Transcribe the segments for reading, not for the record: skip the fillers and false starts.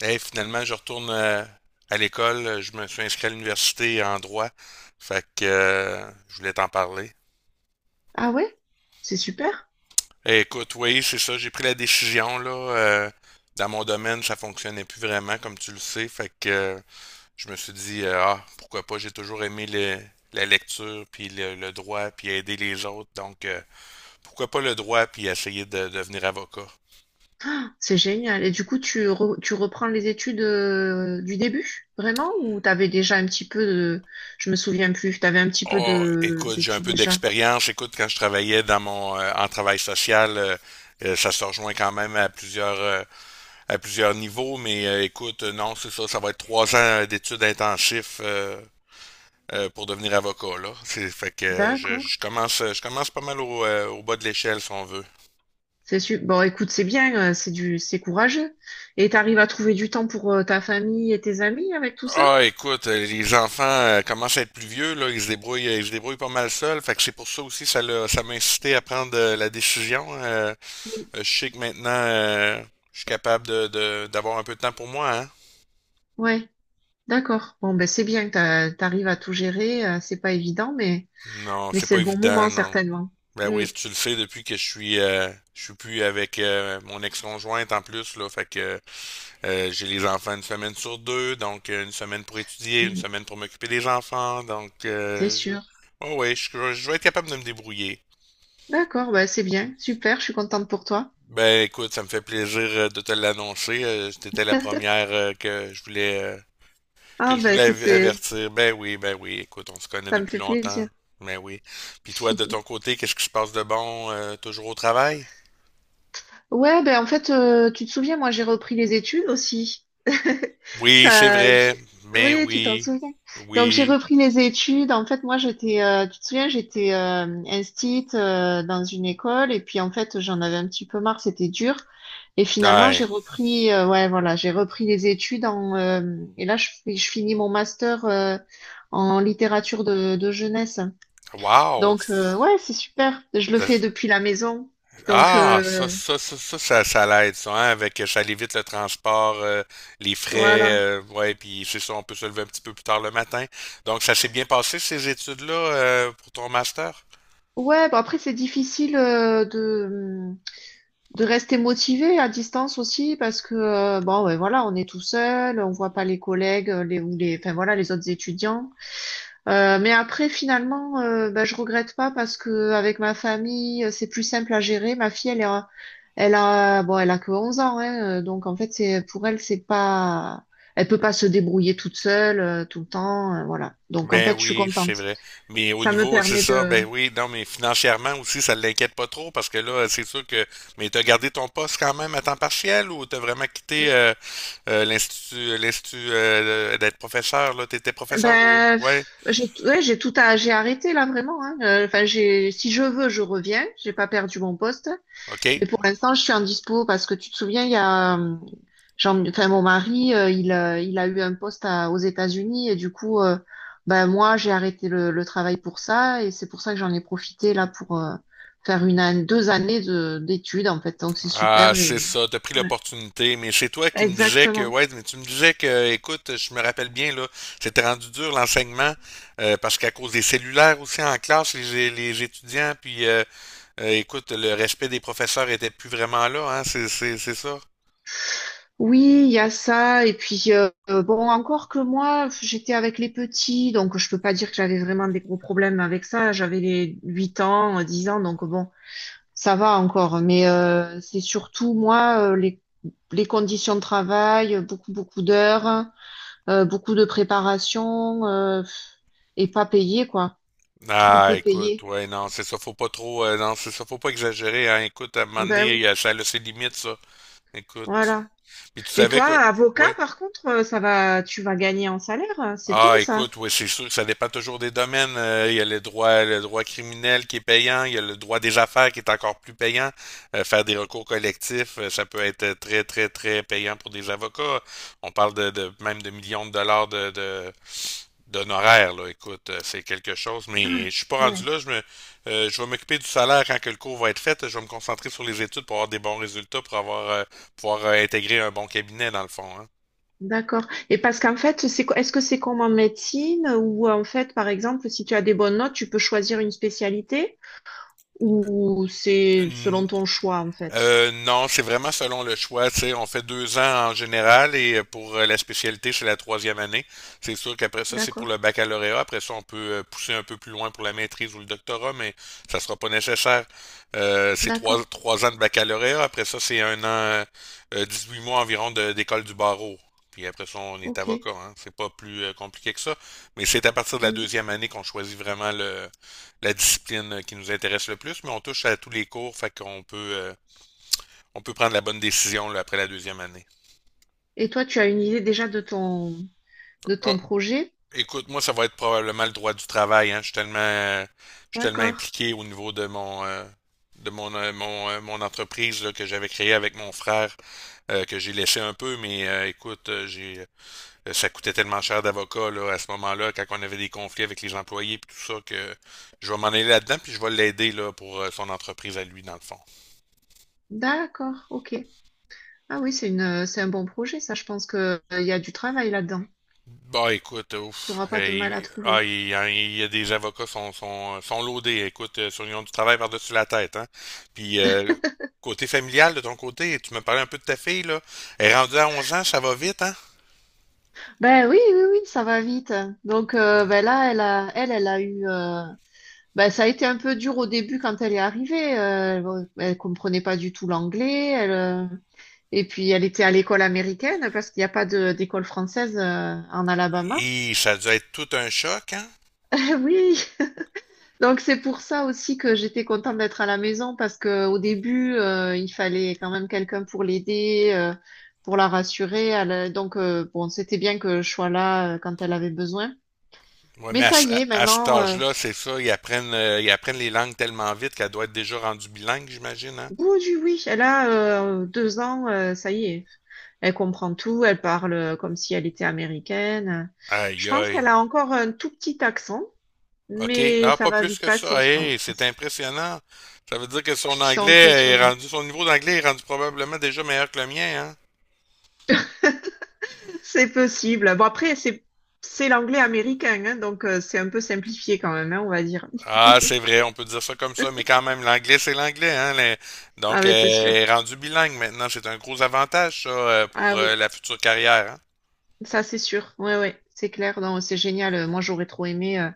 Hey, finalement, je retourne à l'école. Je me suis inscrit à l'université en droit. Fait que je voulais t'en parler. Ah ouais? C'est super, Eh, écoute, oui, c'est ça. J'ai pris la décision, là. Dans mon domaine, ça fonctionnait plus vraiment, comme tu le sais. Fait que je me suis dit, ah, pourquoi pas, j'ai toujours aimé la lecture, puis le droit, puis aider les autres. Donc, pourquoi pas le droit, puis essayer de devenir avocat. c'est génial. Et du coup, tu reprends les études du début, vraiment? Ou t'avais déjà un petit peu de. Je me souviens plus, t'avais un petit peu Oh, de écoute, j'ai un d'études peu déjà. d'expérience. Écoute, quand je travaillais dans mon en travail social, ça se rejoint quand même à plusieurs niveaux. Mais écoute, non, c'est ça, ça va être 3 ans d'études intensives pour devenir avocat là. C'est fait que D'accord. Je commence pas mal au, au bas de l'échelle si on veut. Bon, écoute, c'est bien, c'est courageux. Et t'arrives à trouver du temps pour ta famille et tes amis avec tout ça? Ah, écoute, les enfants commencent à être plus vieux, là, ils se débrouillent pas mal seuls, fait que c'est pour ça aussi ça m'a incité à prendre la décision. Oui. Je sais que maintenant, je suis capable d'avoir un peu de temps pour moi, hein? Ouais, d'accord. Bon, ben c'est bien que t'arrives à tout gérer. C'est pas évident, mais, Non, mais c'est c'est pas le bon moment, évident, non. certainement. Ben oui, Mm, tu le sais, depuis que je suis plus avec mon ex-conjointe en plus, là, fait que j'ai les enfants une semaine sur deux, donc une semaine pour étudier, une mm, semaine pour m'occuper des enfants, donc c'est je... sûr. Oh ouais, je vais être capable de me débrouiller. D'accord, bah c'est bien, super, je suis contente pour toi. Ben écoute, ça me fait plaisir de te l'annoncer. T'étais la première que je voulais euh, Ah Que je bah voulais écoute, av- c'est avertir. Ben oui, ben oui. Écoute, on se connaît ça me depuis fait longtemps. plaisir. Ben oui. Puis toi, de ton côté, qu'est-ce qui se passe de bon? Toujours au travail? Ouais, bah en fait, tu te souviens, moi j'ai repris les études aussi. Oui, c'est Ça, vrai. j'ai- Ben oui, tu t'en oui. souviens. Donc j'ai Oui. repris les études. En fait, moi tu te souviens, j'étais instite dans une école et puis en fait j'en avais un petit peu marre, c'était dur. Et finalement Ouais. j'ai repris, ouais voilà, j'ai repris les études en et là je finis mon master en littérature de jeunesse. Wow! Donc, ouais, c'est super. Je le fais Ça- depuis la maison. Donc, Ah, ça l'aide, ça, hein, avec, ça évite le transport, les frais, voilà. Ouais, puis c'est ça, on peut se lever un petit peu plus tard le matin. Donc, ça s'est bien passé, ces études-là, pour ton master? Ouais, bah après, c'est difficile de rester motivé à distance aussi parce que bon ouais, voilà, on est tout seul, on voit pas les collègues les ou les enfin voilà les autres étudiants. Mais après finalement ben, je regrette pas parce que avec ma famille c'est plus simple à gérer. Ma fille, elle a bon elle a que 11 ans, hein, donc en fait c'est pour elle, c'est pas elle peut pas se débrouiller toute seule tout le temps, voilà, donc en Ben fait je suis oui, c'est contente, vrai. Mais au ça me niveau, c'est permet ça, de. ben oui, non, mais financièrement aussi, ça l'inquiète pas trop parce que là, c'est sûr que. Mais t'as gardé ton poste quand même à temps partiel ou t'as vraiment quitté l'institut d'être professeur, là? T'étais professeur au. Ben, Ouais. pff, ouais, j'ai arrêté là vraiment, hein. Enfin, si je veux, je reviens. J'ai pas perdu mon poste, OK. mais pour l'instant, je suis en dispo parce que tu te souviens, il y a, Jean, enfin, mon mari, il a eu un poste aux États-Unis et du coup, ben moi, j'ai arrêté le travail pour ça et c'est pour ça que j'en ai profité là pour faire deux années de d'études en fait. Donc c'est Ah, super. c'est ça, t'as pris Ouais, l'opportunité, mais c'est toi qui me disais que, exactement. ouais, mais tu me disais que, écoute, je me rappelle bien, là, c'était rendu dur l'enseignement, parce qu'à cause des cellulaires aussi en classe, les étudiants, puis écoute, le respect des professeurs était plus vraiment là, hein, c'est ça. Oui, il y a ça. Et puis, bon, encore que moi, j'étais avec les petits, donc je peux pas dire que j'avais vraiment des gros problèmes avec ça. J'avais les 8 ans, 10 ans, donc bon, ça va encore. Mais c'est surtout, moi, les conditions de travail, beaucoup, beaucoup d'heures, beaucoup de préparation, et pas payé, quoi. Trop Ah, peu écoute, payé. ouais, non, c'est ça, faut pas trop, non, c'est ça, faut pas exagérer, hein, écoute, à un moment Ben donné, oui, ça a ses limites, ça, écoute. voilà. Puis tu Et savais toi, que, avocat, ouais, par contre, ça va, tu vas gagner en salaire, hein, c'est bien ah, ça. écoute, oui, c'est sûr, ça dépend toujours des domaines. Il y a le droit criminel qui est payant, il y a le droit des affaires qui est encore plus payant. Faire des recours collectifs, ça peut être très, très, très payant pour des avocats. On parle de même de millions de dollars de, d'honoraires, là. Écoute, c'est quelque chose, mais Ah, je suis pas rendu ouais. là. Je vais m'occuper du salaire quand que le cours va être fait. Je vais me concentrer sur les études pour avoir des bons résultats, pour avoir, pouvoir intégrer un bon cabinet, dans le fond, D'accord. Et parce qu'en fait, est-ce que c'est comme en médecine ou en fait, par exemple, si tu as des bonnes notes, tu peux choisir une spécialité ou c'est hein. selon ton choix en fait? Non, c'est vraiment selon le choix. Tu sais, on fait 2 ans en général et pour la spécialité, c'est la troisième année. C'est sûr qu'après ça, c'est pour D'accord. le baccalauréat. Après ça, on peut pousser un peu plus loin pour la maîtrise ou le doctorat, mais ça sera pas nécessaire. C'est D'accord. 3 ans de baccalauréat. Après ça, c'est 1 an, 8 mois environ d'école du barreau. Puis après ça, on est OK. avocat. Hein. C'est pas plus compliqué que ça. Mais c'est à partir de la Mhm. deuxième année qu'on choisit vraiment la discipline qui nous intéresse le plus. Mais on touche à tous les cours, fait qu'on peut... on peut prendre la bonne décision là, après la deuxième année. Et toi, tu as une idée déjà de ton de Ah, ton projet? écoute, moi, ça va être probablement le droit du travail. Hein. Je suis tellement D'accord. impliqué au niveau de mon, mon entreprise là, que j'avais créée avec mon frère, que j'ai laissé un peu, mais écoute, ça coûtait tellement cher d'avocat là, à ce moment-là, quand on avait des conflits avec les employés et tout ça, que je vais m'en aller là-dedans, puis je vais l'aider là, pour son entreprise à lui, dans le fond. D'accord. OK. Ah oui, c'est un bon projet, ça. Je pense que il y a du travail là-dedans. Bah écoute, Tu ouf, n'auras pas de mal à trouver. Il y a des avocats sont loadés, écoute, ils ont du travail par-dessus la tête, hein. Puis côté familial de ton côté, tu me parlais un peu de ta fille là, elle est rendue à 11 ans, ça va vite, hein? Ben oui, oui, oui, ça va vite. Donc ben là, elle a eu. Ben, ça a été un peu dur au début quand elle est arrivée. Bon, elle comprenait pas du tout l'anglais. Et puis elle était à l'école américaine parce qu'il n'y a pas d'école française en Alabama. Et ça doit être tout un choc, hein? Oui. Donc c'est pour ça aussi que j'étais contente d'être à la maison parce que au début il fallait quand même quelqu'un pour l'aider, pour la rassurer. Donc, bon, c'était bien que je sois là quand elle avait besoin. Ouais, Mais mais ça y est, à cet maintenant, âge-là, c'est ça, ils apprennent les langues tellement vite qu'elle doit être déjà rendue bilingue, j'imagine, hein? oui, oui, oui. Elle a deux ans, ça y est. Elle comprend tout, elle parle comme si elle était américaine. Je Aïe pense qu'elle aïe. a encore un tout petit accent, OK. mais Ah, ça pas va plus vite que passer, ça. je Hey, c'est pense. impressionnant. Ça veut dire que son C'est anglais est impressionnant. rendu, son niveau d'anglais est rendu probablement déjà meilleur que le mien, hein? C'est possible. Bon, après, c'est l'anglais américain, hein, donc c'est un peu simplifié quand même, hein, on va dire. Ah, c'est vrai, on peut dire ça comme ça, mais quand même, l'anglais, c'est l'anglais, hein? Ah Donc, ben, c'est sûr. elle est rendu bilingue maintenant. C'est un gros avantage, ça, Ah pour oui, la future carrière, hein? ça c'est sûr. Ouais, ouais, c'est clair. Non, c'est génial. Moi, j'aurais trop aimé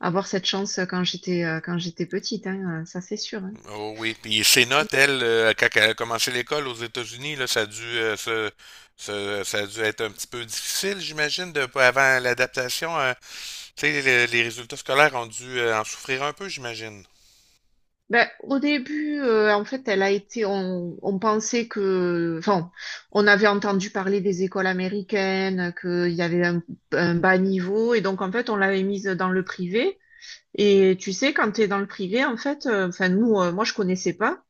avoir cette chance quand j'étais petite, hein, ça c'est sûr, hein. Oh oui. Puis ses notes, elle, quand elle a commencé l'école aux États-Unis, là, ça a dû être un petit peu difficile, j'imagine, de, avant l'adaptation. Tu sais, les résultats scolaires ont dû en souffrir un peu, j'imagine. Ben, au début, en fait, on pensait que, enfin, on avait entendu parler des écoles américaines, qu'il y avait un bas niveau, et donc, en fait, on l'avait mise dans le privé. Et tu sais, quand tu es dans le privé, en fait, enfin, moi, je connaissais pas,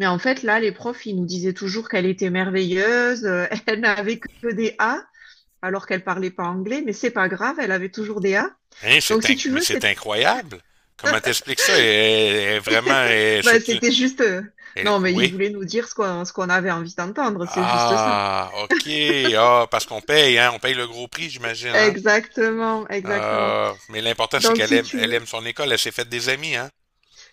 mais en fait, là, les profs, ils nous disaient toujours qu'elle était merveilleuse, elle n'avait que des A, alors qu'elle parlait pas anglais, mais c'est pas grave, elle avait toujours des A. Hein, Donc, si tu mais veux. c'est incroyable. Comment t'expliques ça? Elle est vraiment, Bah, c'était juste. Non, mais il oui. voulait nous dire ce qu'on avait envie d'entendre, c'est juste ça. Ah, ok. Ah, parce qu'on paye, hein. On paye le gros prix, j'imagine, hein. Exactement, exactement. Ah, mais l'important, c'est Donc, qu'elle si aime, tu elle veux. aime son école. Elle s'est faite des amis, hein.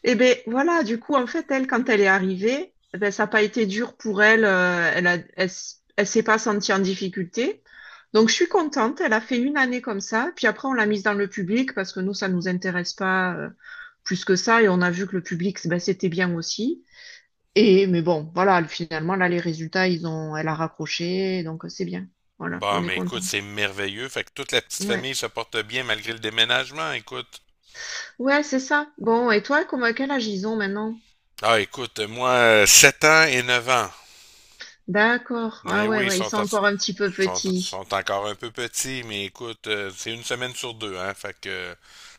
Eh ben voilà, du coup, en fait, elle, quand elle est arrivée, eh ben, ça n'a pas été dur pour elle. Elle s'est pas sentie en difficulté. Donc, je suis contente. Elle a fait une année comme ça. Puis après, on l'a mise dans le public parce que nous, ça nous intéresse pas plus que ça. Et on a vu que le public, ben, c'était bien aussi. Et mais bon, voilà, finalement, là, les résultats, elle a raccroché, donc c'est bien. Voilà, Bon, on est mais écoute, content. c'est merveilleux. Fait que toute la petite Ouais. famille se porte bien malgré le déménagement, écoute. Ouais, c'est ça. Bon, et toi, comment, quel âge ils ont maintenant? Ah, écoute, moi, 7 ans et 9 ans. D'accord. Mais Ah ouais, oui, ils ouais, ils sont sont en, encore un petit peu sont, petits. sont encore un peu petits, mais écoute, c'est une semaine sur deux, hein. Fait que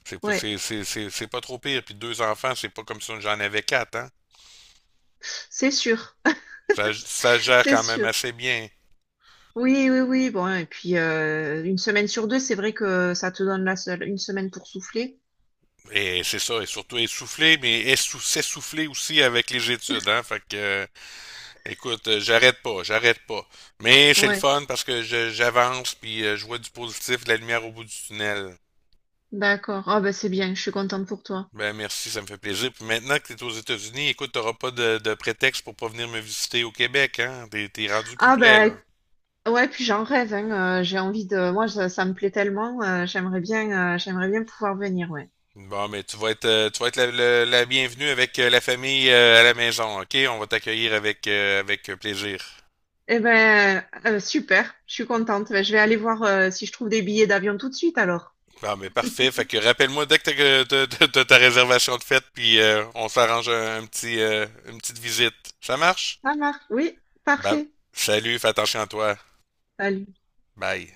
c'est pas, Ouais, c'est pas trop pire. Puis deux enfants, c'est pas comme si j'en avais quatre, hein. c'est sûr. Ça gère C'est quand même sûr. assez bien. Oui, oui, oui. Bon, et puis une semaine sur deux, c'est vrai que ça te donne la seule une semaine pour souffler. Et c'est ça, et surtout essoufflé, mais s'essouffler aussi avec les études, hein. Fait que, écoute, j'arrête pas, j'arrête pas. Mais c'est le Ouais, fun parce que j'avance, puis je vois du positif, de la lumière au bout du tunnel. d'accord. Ah ben c'est bien, je suis contente pour toi. Ben merci, ça me fait plaisir. Puis maintenant que tu es aux États-Unis, écoute, t'auras pas de prétexte pour pas venir me visiter au Québec, hein? T'es rendu plus Ah près, ben. là. Ouais, puis j'en rêve, hein, moi, ça me plaît tellement, j'aimerais bien pouvoir venir, ouais. Bon, mais tu vas être la bienvenue avec la famille à la maison, OK? On va t'accueillir avec, avec plaisir. Eh ben, super, je suis contente. Ben, je vais aller voir, si je trouve des billets d'avion tout de suite, alors. Bon, mais parfait. Fait que rappelle-moi dès que t'as ta réservation de fête, puis on s'arrange un petit, une petite visite. Ça marche? Ça marche, oui, Ben, parfait. salut, fais attention à toi. Salut. Bye.